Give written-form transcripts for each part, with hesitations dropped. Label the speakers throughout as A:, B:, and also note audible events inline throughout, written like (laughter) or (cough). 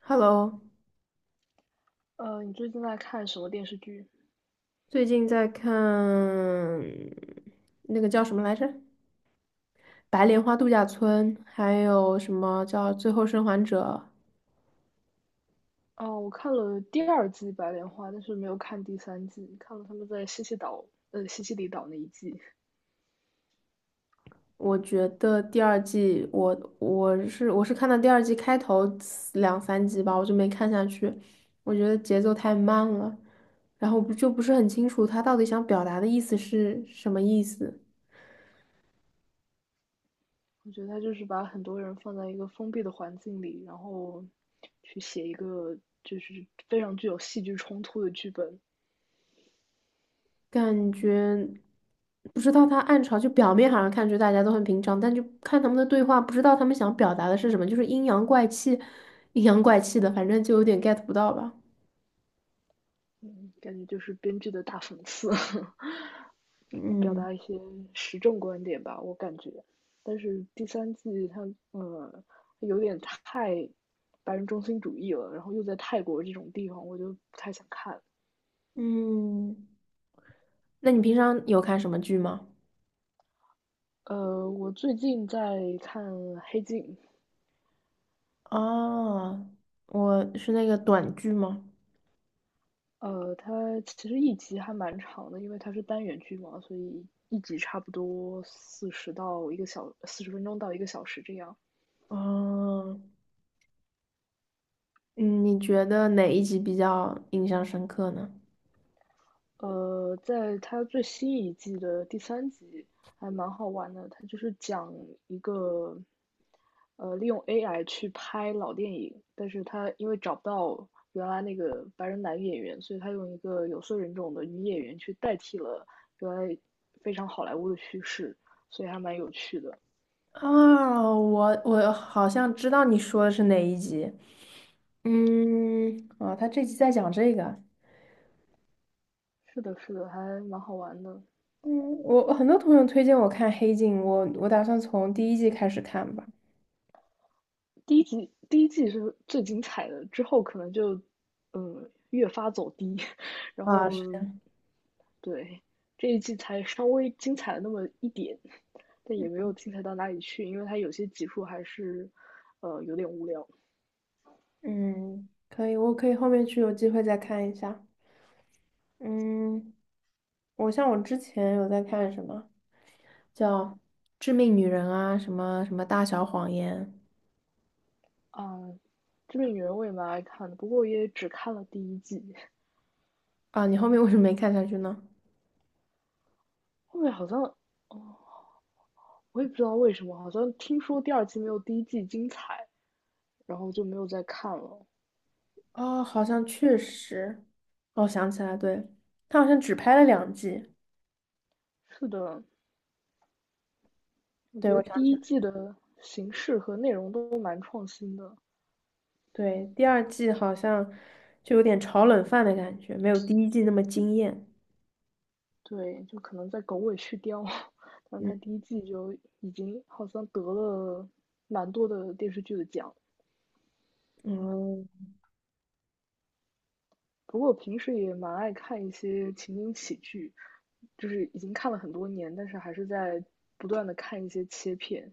A: Hello，
B: 你最近在看什么电视剧？
A: 最近在看那个叫什么来着，《白莲花度假村》，还有什么叫《最后生还者》。
B: 哦，我看了第二季《白莲花》，但是没有看第三季，看了他们在西西岛，西西里岛那一季。
A: 我觉得第二季，我是看到第二季开头两三集吧，我就没看下去，我觉得节奏太慢了，然后不是很清楚他到底想表达的意思是什么意思。
B: 我觉得他就是把很多人放在一个封闭的环境里，然后去写一个就是非常具有戏剧冲突的剧本。
A: 感觉不知道他暗潮，就表面好像看着大家都很平常，但就看他们的对话，不知道他们想表达的是什么，就是阴阳怪气，阴阳怪气的，反正就有点 get 不到吧。
B: 嗯，感觉就是编剧的大讽刺。(laughs) 表
A: 嗯
B: 达一些时政观点吧，我感觉。但是第三季它，嗯，有点太白人中心主义了，然后又在泰国这种地方，我就不太想看。
A: 嗯，那你平常有看什么剧吗？
B: 我最近在看《黑镜》，
A: 哦，我是那个短剧吗？
B: 它其实一集还蛮长的，因为它是单元剧嘛，所以一集差不多四十分钟到一个小时这样。
A: 哦，嗯你觉得哪一集比较印象深刻呢？
B: 在它最新一季的第三集还蛮好玩的，它就是讲一个，利用 AI 去拍老电影，但是他因为找不到原来那个白人男演员，所以他用一个有色人种的女演员去代替了原来非常好莱坞的叙事，所以还蛮有趣的。
A: 啊，我好像知道你说的是哪一集。嗯，啊，他这集在讲这个。
B: 是的，是的，还蛮好玩的。
A: 嗯，我很多朋友推荐我看《黑镜》，我打算从第一季开始看吧。
B: 第一季是最精彩的，之后可能就，嗯，越发走低，(laughs) 然
A: 啊，
B: 后
A: 是的。
B: 对，这一季才稍微精彩了那么一点，但也没有精彩到哪里去，因为它有些集数还是，有点无聊。
A: 嗯，可以，我可以后面去有机会再看一下。嗯，像我之前有在看什么叫《致命女人》啊，什么什么《大小谎言》
B: 嗯，《这个女人》我也蛮爱看的，不过也只看了第一季，
A: 啊，你后面为什么没看下去呢？
B: 后面好像我也不知道为什么，好像听说第二季没有第一季精彩，然后就没有再看了。
A: 哦，好像确实，哦，想起来，对，他好像只拍了两季。
B: 是的，我
A: 对，
B: 觉得
A: 我想
B: 第
A: 起
B: 一
A: 来，
B: 季的形式和内容都蛮创新的，
A: 对，第二季好像就有点炒冷饭的感觉，没有第一季那么惊艳。
B: 对，就可能在狗尾续貂，(laughs) 但是
A: 嗯，
B: 它第一季就已经好像得了蛮多的电视剧的奖。
A: 哦，
B: 不过我平时也蛮爱看一些情景喜剧，就是已经看了很多年，但是还是在不断的看一些切片，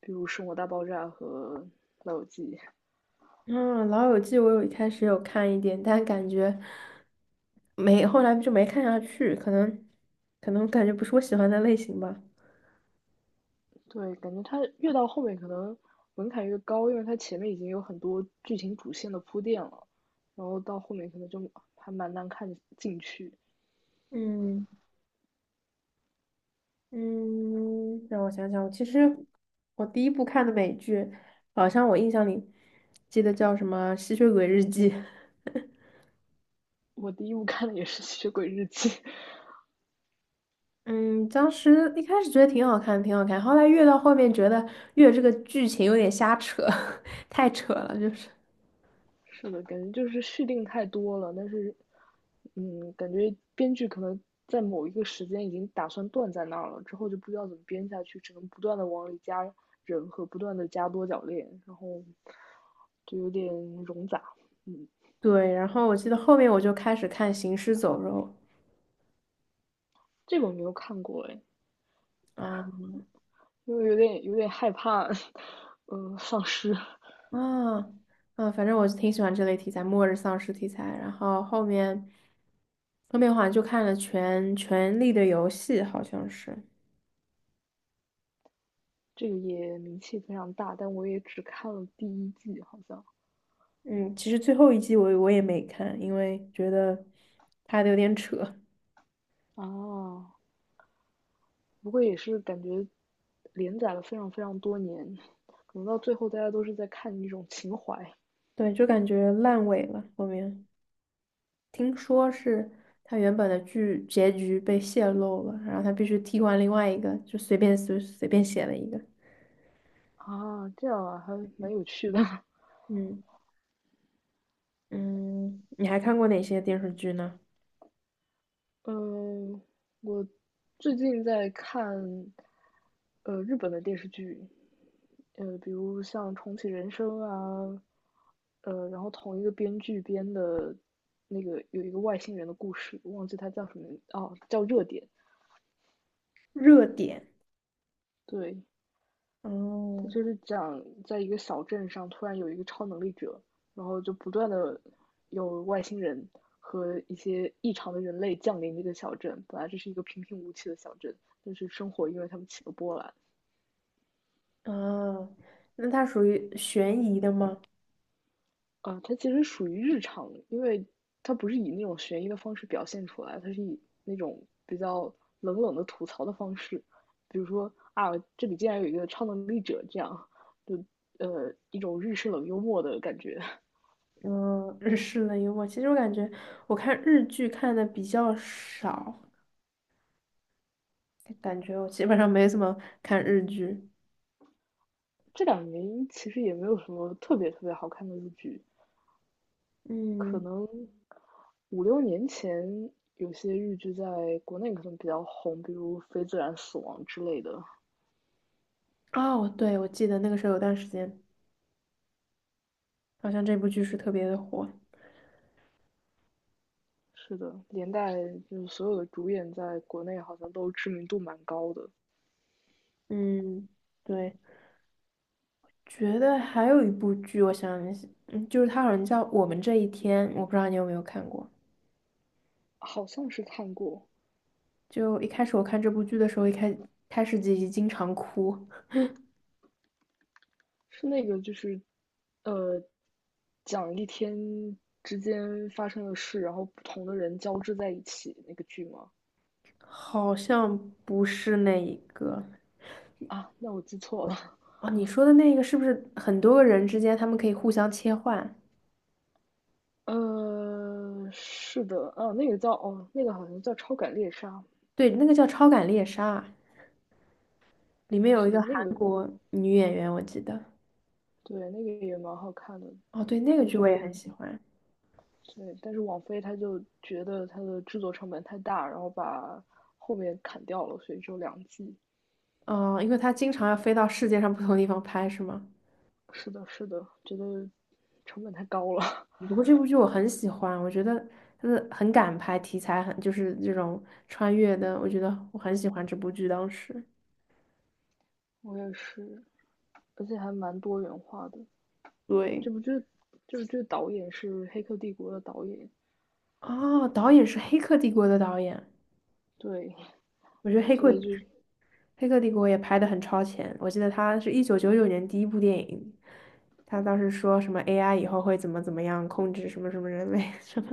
B: 比如《生活大爆炸》和《老友记》。
A: 嗯，《老友记》我有一开始有看一点，但感觉没，后来就没看下去，可能感觉不是我喜欢的类型吧。
B: 对，感觉它越到后面可能门槛越高，因为它前面已经有很多剧情主线的铺垫了，然后到后面可能就还蛮难看进去。
A: 嗯嗯，让我想想，其实我第一部看的美剧，好像我印象里记得叫什么《吸血鬼日记》。
B: 我第一部看的也是《吸血鬼日记》，(laughs)
A: 嗯，当时一开始觉得挺好看，挺好看，后来越到后面觉得越这个剧情有点瞎扯，(laughs) 太扯了，就是。
B: 是的，感觉就是续订太多了，但是，嗯，感觉编剧可能在某一个时间已经打算断在那儿了，之后就不知道怎么编下去，只能不断的往里加人和不断的加多角恋，然后就有点冗杂。嗯，
A: 对，然后我记得后面我就开始看《行尸走肉》
B: 这个我没有看过哎，
A: 啊
B: 因为有点害怕，丧尸。
A: 啊啊，反正我是挺喜欢这类题材，末日丧尸题材。然后后面好像就看了全《权力的游戏》，好像是。
B: 这个也名气非常大，但我也只看了第一季，好像。
A: 嗯，其实最后一季我也没看，因为觉得拍的有点扯，
B: 啊。不过也是感觉连载了非常非常多年，可能到最后大家都是在看一种情怀
A: 对，就感觉烂尾了后面。听说是他原本的剧结局被泄露了，然后他必须替换另外一个，就随便写了一个。
B: 啊，这样啊，还蛮有趣的。
A: 嗯嗯，你还看过哪些电视剧呢？
B: 嗯，我最近在看日本的电视剧，比如像《重启人生》啊，然后同一个编剧编的那个有一个外星人的故事，忘记它叫什么哦，叫《热点》。
A: 热点。
B: 对，他
A: 哦
B: 就是讲在一个小镇上突然有一个超能力者，然后就不断的有外星人和一些异常的人类降临这个小镇。本来这是一个平平无奇的小镇，但是生活因为他们起了波澜。
A: 啊，那它属于悬疑的吗？
B: 啊，它其实属于日常，因为它不是以那种悬疑的方式表现出来，它是以那种比较冷冷的吐槽的方式，比如说啊，这里竟然有一个超能力者这样，就一种日式冷幽默的感觉。
A: 嗯，(laughs) 日式的幽默。其实我感觉我看日剧看的比较少，感觉我基本上没怎么看日剧。
B: 这两年其实也没有什么特别特别好看的日剧，可
A: 嗯，
B: 能五六年前有些日剧在国内可能比较红，比如《非自然死亡》之类的。
A: 哦，对，我记得那个时候有段时间，好像这部剧是特别的火。
B: 是的，连带就是所有的主演在国内好像都知名度蛮高的，
A: 嗯，对，觉得还有一部剧，我想一下就是它好像叫《我们这一天》，我不知道你有没有看过。
B: 好像是看过，
A: 就一开始我看这部剧的时候，开始自集经常哭，
B: 是那个就是，呃，讲一天之间发生的事，然后不同的人交织在一起那个剧吗？
A: 好像不是那一个
B: 啊，那我记错了。
A: 哦，你说的那个是不是很多个人之间他们可以互相切换？
B: 是的，哦，那个叫哦，那个好像叫《超感猎杀》，
A: 对，那个叫《超感猎杀》，里面有一
B: 是
A: 个
B: 的，那
A: 韩
B: 个
A: 国女演员，我记得。
B: 对，那个也蛮好看的，
A: 哦，对，那个
B: 但
A: 剧我也很
B: 是
A: 喜欢。
B: 对，但是网飞他就觉得它的制作成本太大，然后把后面砍掉了，所以只有两季。
A: 哦，因为她经常要飞到世界上不同地方拍，是吗？
B: 是的，是的，觉得成本太高了，
A: 不过这部剧我很喜欢，我觉得它的很敢拍，题材很就是这种穿越的，我觉得我很喜欢这部剧。当时
B: (laughs) 我也是，而且还蛮多元化的。
A: 对，
B: 这部剧，这部剧导演是《黑客帝国》的导演，
A: 哦，导演是《黑客帝国》的导演，
B: 对，
A: 我觉得
B: 所以就
A: 《黑客帝国》也拍的很超前。我记得他是一九九九年第一部电影，他当时说什么 AI 以后会怎么样控制什么什么人类 (laughs) 什么，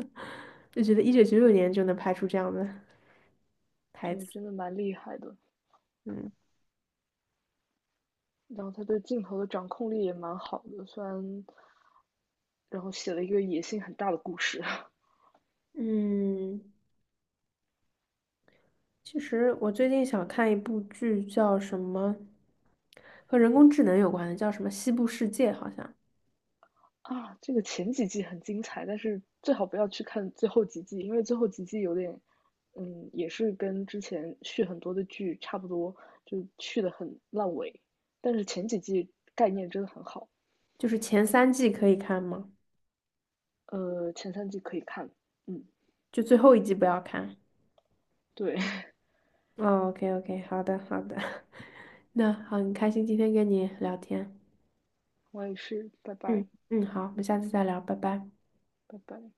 A: 就觉得一九九九年就能拍出这样的台
B: 对，
A: 词，
B: 真的蛮厉害的。
A: 嗯
B: 然后他对镜头的掌控力也蛮好的，虽然，然后写了一个野心很大的故事 (laughs)
A: 嗯。其实我最近想看一部剧，叫什么和人工智能有关的，叫什么《西部世界》，好像
B: 啊。这个前几季很精彩，但是最好不要去看最后几季，因为最后几季有点，嗯，也是跟之前续很多的剧差不多，就续的很烂尾。但是前几季概念真的很好，
A: 就是前三季可以看吗？
B: 前三季可以看，嗯，
A: 就最后一季不要看。
B: 对 (laughs)
A: 哦，OK OK，好的好的，(laughs) 那好，很开心今天跟你聊天。
B: 我也是，拜
A: 嗯
B: 拜，
A: 嗯，好，我们下次再聊，拜拜。
B: 拜拜。